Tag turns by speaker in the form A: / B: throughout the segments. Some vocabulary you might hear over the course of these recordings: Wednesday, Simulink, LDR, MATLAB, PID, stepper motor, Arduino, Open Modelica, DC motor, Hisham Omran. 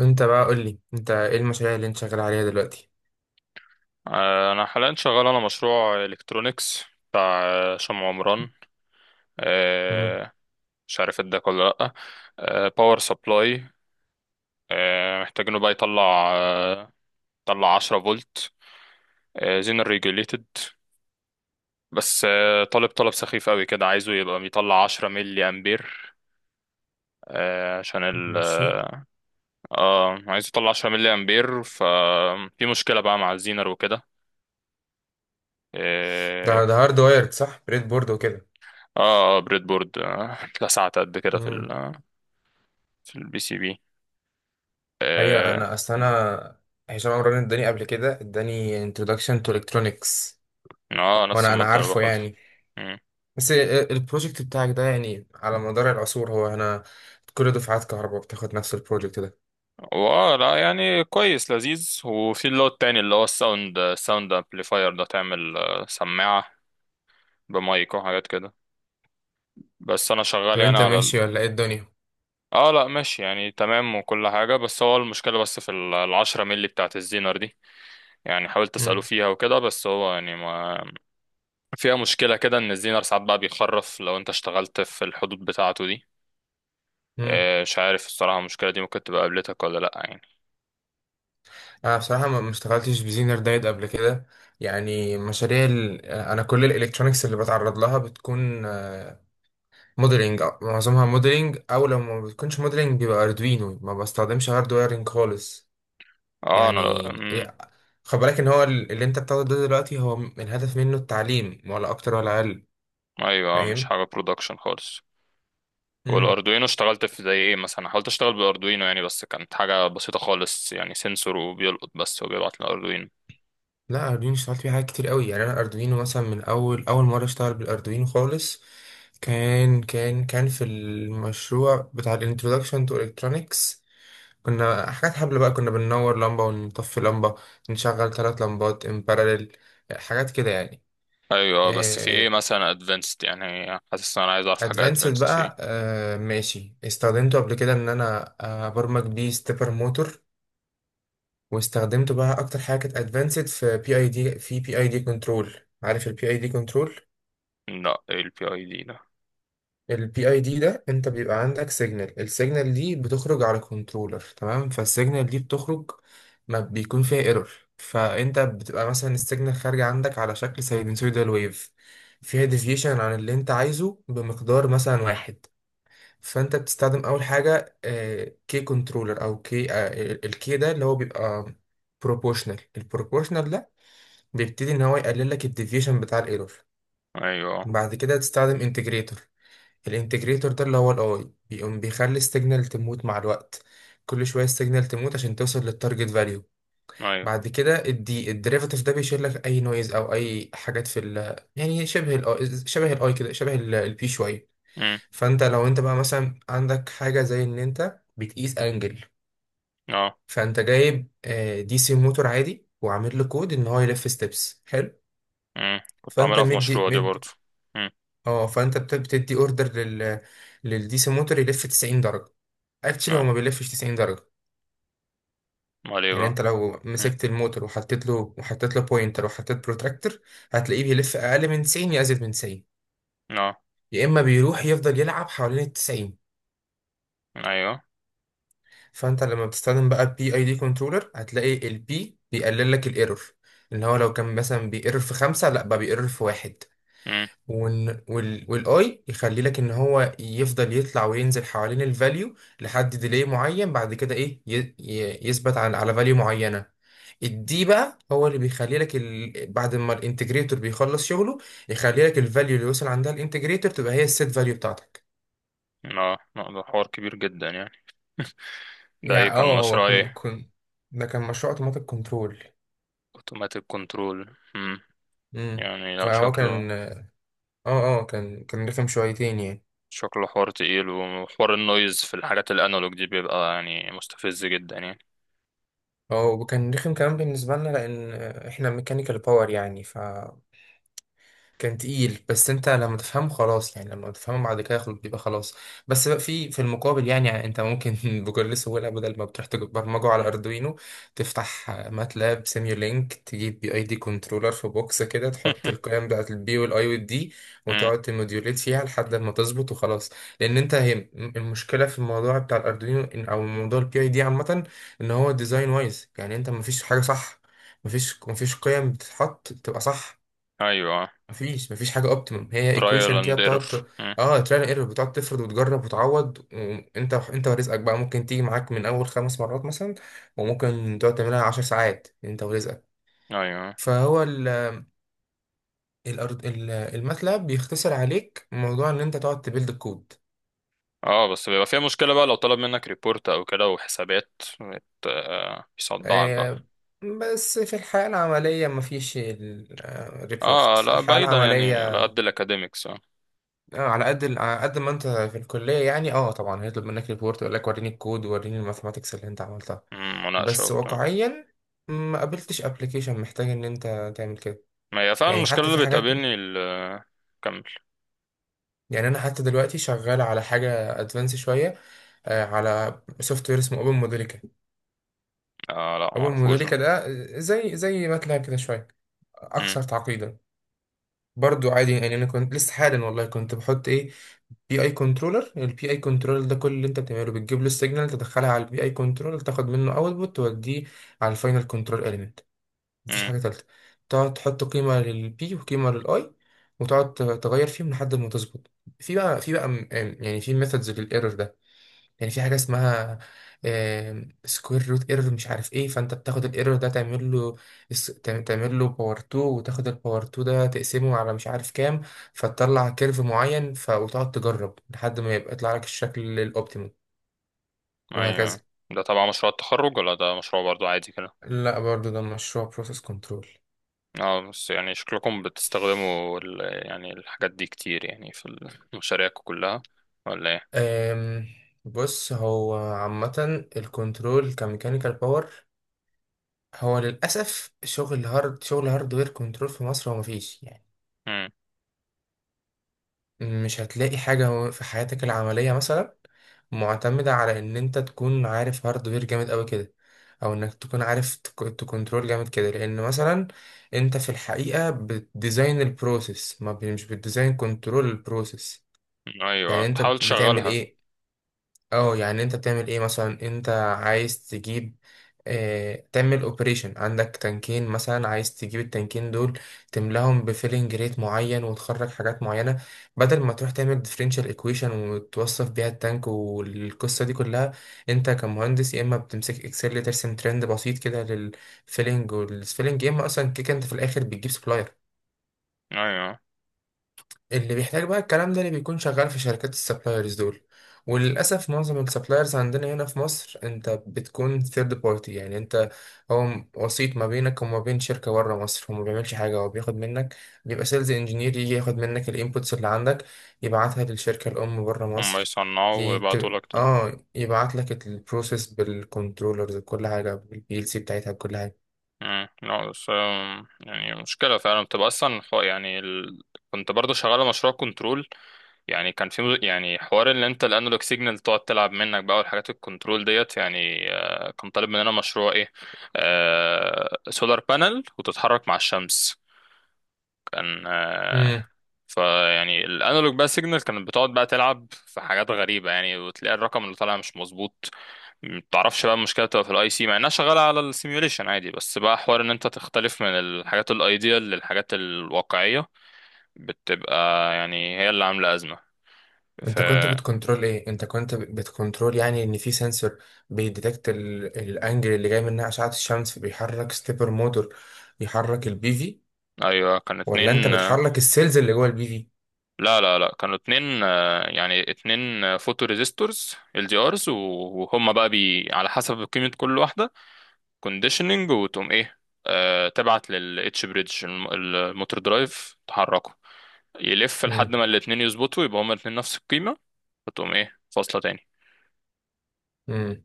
A: انت بقى قول لي، انت ايه المشاريع اللي انت شغال عليها دلوقتي؟
B: انا حاليا شغال على مشروع الكترونيكس بتاع شمع عمران.
A: امم
B: آه، مش عارف اداك ولا لا. باور سبلاي محتاجينه بقى يطلع 10 فولت زينر ريجوليتد. بس طالب طلب سخيف قوي كده، عايزه يبقى بيطلع 10 ملي امبير، عشان ال
A: ماشي.
B: اه آه، عايز يطلع 10 ملي امبير. ففي مشكلة بقى مع الزينر وكده.
A: ده
B: آه،
A: ده هارد وايرد، صح؟ بريد بورد وكده.
B: اه اه بريد بورد، اتلسعت قد كده في
A: امم
B: في البي سي بي.
A: هي
B: اه.
A: انا اصل انا هشام عمران اداني قبل كده، اداني introduction to electronics.
B: نفس
A: وانا
B: المادة اللي
A: عارفه
B: باخدها.
A: يعني.
B: مم.
A: بس البروجكت بتاعك ده يعني على مدار العصور، هو انا كل دفعات كهرباء بتاخد نفس البروجكت ده.
B: واه، لا يعني كويس لذيذ. وفي اللي هو التاني اللي هو الساوند امبليفاير، ده تعمل سماعة بمايك وحاجات كده. بس انا شغال
A: طب
B: يعني
A: انت ماشي ولا ايه الدنيا؟
B: اه، لا ماشي يعني تمام وكل حاجة. بس هو المشكلة، بس في العشرة ملي بتاعت الزينر دي. يعني حاولت اسأله فيها وكده، بس هو يعني ما فيها مشكلة كده، إن الزينر ساعات بقى بيخرف لو أنت اشتغلت في الحدود بتاعته دي.
A: امم
B: مش عارف الصراحة، المشكلة دي ممكن تبقى قابلتك ولا لأ يعني؟
A: انا بصراحه ما اشتغلتش بزينر دايت قبل كده. يعني مشاريع انا كل الالكترونيكس اللي بتعرض لها بتكون موديلنج، معظمها موديلنج، او لو ما بتكونش موديلنج بيبقى اردوينو، ما بستخدمش هاردويرنج خالص.
B: اه، أنا لأ.
A: يعني
B: مم.
A: إيه- خد بالك ان هو اللي انت بتاخده ده دلوقتي، هو الهدف منه التعليم، ولا اكتر ولا اقل.
B: أيوه، مش
A: فاهم.
B: حاجة برودكشن خالص. والأردوينو اشتغلت في زي إيه مثلا، حاولت أشتغل بالأردوينو يعني، بس كانت حاجة بسيطة خالص يعني سنسور وبيلقط بس وبيبعت الأردوينو.
A: لا، اردوينو اشتغلت فيه حاجات كتير قوي، يعني انا اردوينو مثلا من اول اول مره اشتغل بالاردوينو خالص، كان في المشروع بتاع الانترودكشن تو الكترونكس. كنا حاجات حبل بقى، كنا بننور لمبه ونطفي لمبه، نشغل ثلاث لمبات ان باراليل، حاجات كده يعني.
B: أيوه، بس في إيه مثلا أدفانسد؟ يعني حاسس إن أنا عايز أعرف حاجة
A: ادفانسد
B: أدفانسد فيه.
A: بقى، ماشي، استخدمته قبل كده ان انا ابرمج بيه ستيبر موتور. واستخدمته بقى اكتر حاجه كانت ادفانسد في بي اي دي، في بي اي دي كنترول. عارف البي اي دي كنترول؟
B: لأ، إيه ال PID ده؟
A: البي اي دي ده انت بيبقى عندك سيجنال، السيجنال دي بتخرج على كنترولر، تمام؟ فالسيجنال دي بتخرج ما بيكون فيها ايرور. فانت بتبقى مثلا السيجنال خارجه عندك على شكل ساينسويدال ويف، فيها ديفيشن عن اللي انت عايزه بمقدار مثلا واحد. فانت بتستخدم اول حاجه كي كنترولر، او كي. الكي ده اللي هو بيبقى بروبوشنال. البروبوشنال ده بيبتدي ان هو يقلل لك الديفيشن بتاع الايرور.
B: أيوه،
A: بعد كده تستخدم انتجريتور. الانتجريتور ده اللي هو الاي، بيقوم بيخلي السيجنال تموت مع الوقت، كل شويه السيجنال تموت عشان توصل للتارجت فاليو.
B: أيوه.
A: بعد كده الدي، الديريفاتيف ده، بيشيل لك اي نويز او اي حاجات في ال، يعني شبه ال، شبه الاي كده، شبه البي شويه.
B: مم.
A: فانت لو انت بقى مثلا عندك حاجه زي ان انت بتقيس انجل،
B: اه.
A: فانت جايب دي سي موتور عادي، وعامل له كود ان هو يلف ستيبس، حلو.
B: مم. كنت
A: فانت
B: عاملها في
A: مدي
B: مشروع دي
A: مد،
B: برضه. مم.
A: اه فانت بتدي اوردر لل، للدي سي موتور يلف 90 درجه. اكشلي هو
B: آه.
A: ما بيلفش 90 درجه.
B: امال ايه
A: يعني انت
B: بقى؟
A: لو
B: مم.
A: مسكت الموتور وحطيت له، وحطيت له بوينتر وحطيت بروتراكتور، هتلاقيه بيلف اقل من 90 يا ازيد من 90،
B: اه.
A: يا اما بيروح يفضل يلعب حوالين ال 90.
B: ايوه.
A: فانت لما بتستخدم بقى البي اي دي كنترولر، هتلاقي البي بيقلل لك الايرور، ان هو لو كان مثلا بيقرر في خمسة، لا بقى بيقرر في واحد.
B: مم.
A: وال والاي يخلي لك ان هو يفضل يطلع وينزل حوالين الفاليو لحد ديلي معين، بعد كده ايه يثبت على، على فاليو معينه. الدي بقى هو اللي بيخلي لك بعد ما الانتجريتور بيخلص شغله، يخلي لك الفاليو اللي وصل عندها الانتجريتور تبقى هي السيت فاليو بتاعتك.
B: اه لا، ده حوار كبير جدا يعني. ده ايه،
A: يعني
B: كان
A: اه، هو
B: مشروع ايه؟
A: كن كن ده كان مشروع اوتوماتيك كنترول.
B: اوتوماتيك كنترول.
A: امم
B: يعني لا،
A: فهو
B: شكله
A: كان اه، اه كان رخم شويتين يعني.
B: حوار تقيل، وحوار النويز في الحاجات الانالوج دي بيبقى يعني مستفز جدا يعني.
A: اه وكان رخم كمان بالنسبة لنا، لأن احنا ميكانيكال باور يعني، ف كان تقيل. بس انت لما تفهمه خلاص، يعني لما تفهمه بعد كده خلاص بيبقى خلاص. بس بقى في المقابل يعني انت ممكن بكل سهوله، بدل ما بتروح تبرمجه على اردوينو، تفتح ماتلاب سيميولينك، تجيب بي اي دي كنترولر في بوكس كده، تحط القيم بتاعت البي والاي والدي،
B: مم.
A: وتقعد تموديوليت فيها لحد ما تظبط، وخلاص. لان انت هي المشكله في الموضوع بتاع الاردوينو، او موضوع البي اي دي عامه، ان هو ديزاين وايز، يعني انت مفيش حاجه صح، مفيش قيم بتتحط تبقى صح،
B: ايوه،
A: مفيش حاجة اوبتيمم، هي
B: ترايل
A: ايكويشن كده
B: اند
A: بتقعد
B: ايرور.
A: اه تراي ايرور، بتقعد تفرض وتجرب وتعوض، وانت ورزقك بقى، ممكن تيجي معاك من اول 5 مرات مثلا، وممكن تقعد تعملها 10 ساعات، انت ورزقك.
B: ايوه.
A: فهو ال، الأرض الماتلاب بيختصر عليك موضوع ان انت تقعد تبيلد الكود.
B: اه، بس بيبقى فيها مشكلة بقى لو طلب منك ريبورت او كده وحسابات يصدعك بقى.
A: آه، بس في الحياة العملية مفيش الريبورت،
B: اه
A: في
B: لا،
A: الحياة
B: بعيدا يعني
A: العملية.
B: على قد الاكاديميكس. اه
A: اه على قد على قد ما انت في الكليه يعني، اه طبعا هيطلب منك ريبورت يقول لك وريني الكود، وريني الماثماتكس اللي انت عملتها.
B: مم، مناقشة
A: بس
B: وبتاع.
A: واقعيا ما قابلتش ابلكيشن محتاج ان انت تعمل كده.
B: ما هي فعلا
A: يعني حتى
B: المشكلة
A: في
B: اللي
A: حاجات،
B: بتقابلني كمل.
A: يعني انا حتى دلوقتي شغال على حاجه ادفانس شويه، على سوفت وير اسمه اوبن موديليكا.
B: آه لا،
A: اوبن
B: معرفوش ده.
A: موديليكا ده زي ماتلاب كده شويه،
B: مم.
A: اكثر تعقيدا. برضو عادي يعني، انا كنت لسه حالا والله كنت بحط ايه، بي اي كنترولر. البي اي كنترولر ده كل اللي انت بتعمله بتجيب له السيجنال، تدخلها على البي اي كنترولر، تاخد منه اوتبوت، توديه على الفاينل كنترول اليمنت. مفيش
B: مم.
A: حاجه ثالثه. تقعد تحط قيمه للبي، وقيمه للاي، وتقعد تغير فيهم لحد ما تظبط. يعني في ميثودز للايرور ده، يعني في حاجه اسمها سكوير روت ايرور مش عارف ايه، فانت بتاخد الايرور ده تعمل له، تعمل له باور 2، وتاخد الباور 2 ده تقسمه على مش عارف كام، فتطلع كيرف معين، وتقعد تجرب لحد ما يبقى يطلع لك الشكل الاوبتيمال،
B: أيوه،
A: وهكذا.
B: ده تبع مشروع التخرج ولا ده مشروع برضو عادي كده؟
A: لا، برضو ده مشروع بروسيس كنترول.
B: اه، بس يعني شكلكم بتستخدموا يعني الحاجات دي كتير يعني في مشاريعكم كلها، ولا ايه؟
A: أم، بص هو عامة الكنترول كميكانيكال باور، هو للأسف شغل هارد، شغل هاردوير كنترول في مصر هو مفيش.
B: مم.
A: مش هتلاقي حاجة في حياتك العملية مثلا معتمدة على إن أنت تكون عارف هاردوير جامد أوي كده، أو إنك تكون عارف تكنترول جامد كده، لأن مثلا أنت في الحقيقة بتديزاين البروسيس، ما ب- مش بتديزاين كنترول البروسيس.
B: أيوه،
A: يعني أنت
B: تحاول
A: بتعمل
B: تشغلها.
A: إيه؟ اه يعني انت بتعمل ايه مثلا، انت عايز تجيب، اه تعمل اوبريشن عندك تنكين مثلا، عايز تجيب التنكين دول، تملاهم بفيلنج ريت معين وتخرج حاجات معينة، بدل ما تروح تعمل ديفرنشال ايكويشن وتوصف بيها التانك والقصة دي كلها. انت كمهندس يا اما بتمسك اكسل ترسم ترند بسيط كده للفيلنج والسفيلنج، يا اما اصلا كيك، انت في الاخر بتجيب سبلاير.
B: أيوه،
A: اللي بيحتاج بقى الكلام ده اللي بيكون شغال في شركات السبلايرز دول. وللأسف معظم السبلايرز عندنا هنا في مصر أنت بتكون ثيرد بارتي، يعني أنت هو وسيط ما بينك وما بين شركة بره مصر، هو ما بيعملش حاجة، هو بياخد منك، بيبقى سيلز انجينير يجي ياخد منك الانبوتس اللي عندك، يبعتها للشركة الأم بره
B: هم
A: مصر.
B: يصنعوا
A: يت...
B: ويبعتوا لك تاني.
A: اه يبعت لك البروسيس بالكنترولرز، بكل حاجة بالبي ال سي بتاعتها، بكل
B: مم. لا بس يعني مشكلة فعلا بتبقى أصلا يعني كنت برضو شغال على مشروع كنترول. يعني كان في يعني حوار، اللي انت الانالوج سيجنال تقعد تلعب منك بقى والحاجات الكنترول ديت يعني، كان طالب مننا مشروع ايه، سولار بانل وتتحرك مع الشمس. كان
A: حاجة.
B: فيعني الانالوج بقى سيجنال كانت بتقعد بقى تلعب في حاجات غريبة يعني، وتلاقي الرقم اللي طالع مش مظبوط. متعرفش بقى، المشكلة بتبقى في الاي سي، مع انها شغالة على السيميوليشن عادي، بس بقى حوار ان انت تختلف من الحاجات الايديال للحاجات الواقعية. بتبقى يعني هي اللي عاملة أزمة. ف.
A: انت كنت بتكنترول ايه؟ انت كنت بتكنترول يعني ان في سنسور بيديتكت الانجل اللي جاي منها اشعة الشمس، بيحرك ستيبر موتور، يحرك البي في؟
B: ايوه، كان
A: ولا انت
B: اتنين.
A: بتحرك السيلز اللي جوه البي في؟
B: لا لا لا، كانوا اتنين. يعني اتنين فوتو ريزيستورز ال دي ارز، وهم بقى بي على حسب قيمة كل واحدة، كونديشننج، وتقوم ايه، تبعت لل اتش بريدج الموتور درايف تحركه. يلف
A: امم
B: لحد ما الاتنين يظبطوا، يبقى هما الاتنين نفس القيمة. فتقوم ايه، فاصلة تاني.
A: امم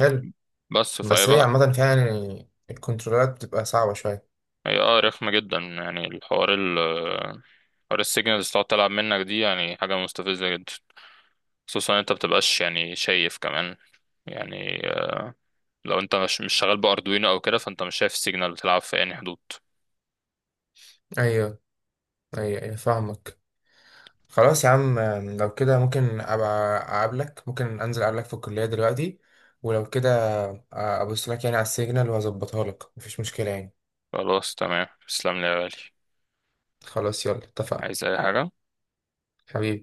A: حلو.
B: بس فهي
A: بس هي
B: بقى.
A: عامة فعلا الكنترولات بتبقى صعبة شوية.
B: هي رخمة جدا يعني. الحوار ال حوار السيجنالز تقعد تلعب منك دي يعني حاجة مستفزة جدا، خصوصا انت بتبقاش يعني شايف كمان يعني. لو انت مش شغال باردوينو او كده، فانت مش شايف السيجنال بتلعب في انهي حدود.
A: ايوه، ايوه، ايوه فاهمك. خلاص يا عم. لو كده ممكن ابقى اقابلك، ممكن انزل اقابلك في الكلية دلوقتي. ولو كده ابص لك يعني على السيجنال واظبطها لك، مفيش مشكلة يعني.
B: خلاص، تمام، تسلم لي يا غالي.
A: خلاص، يلا اتفقنا.
B: عايز اي حاجة؟
A: حبيبي.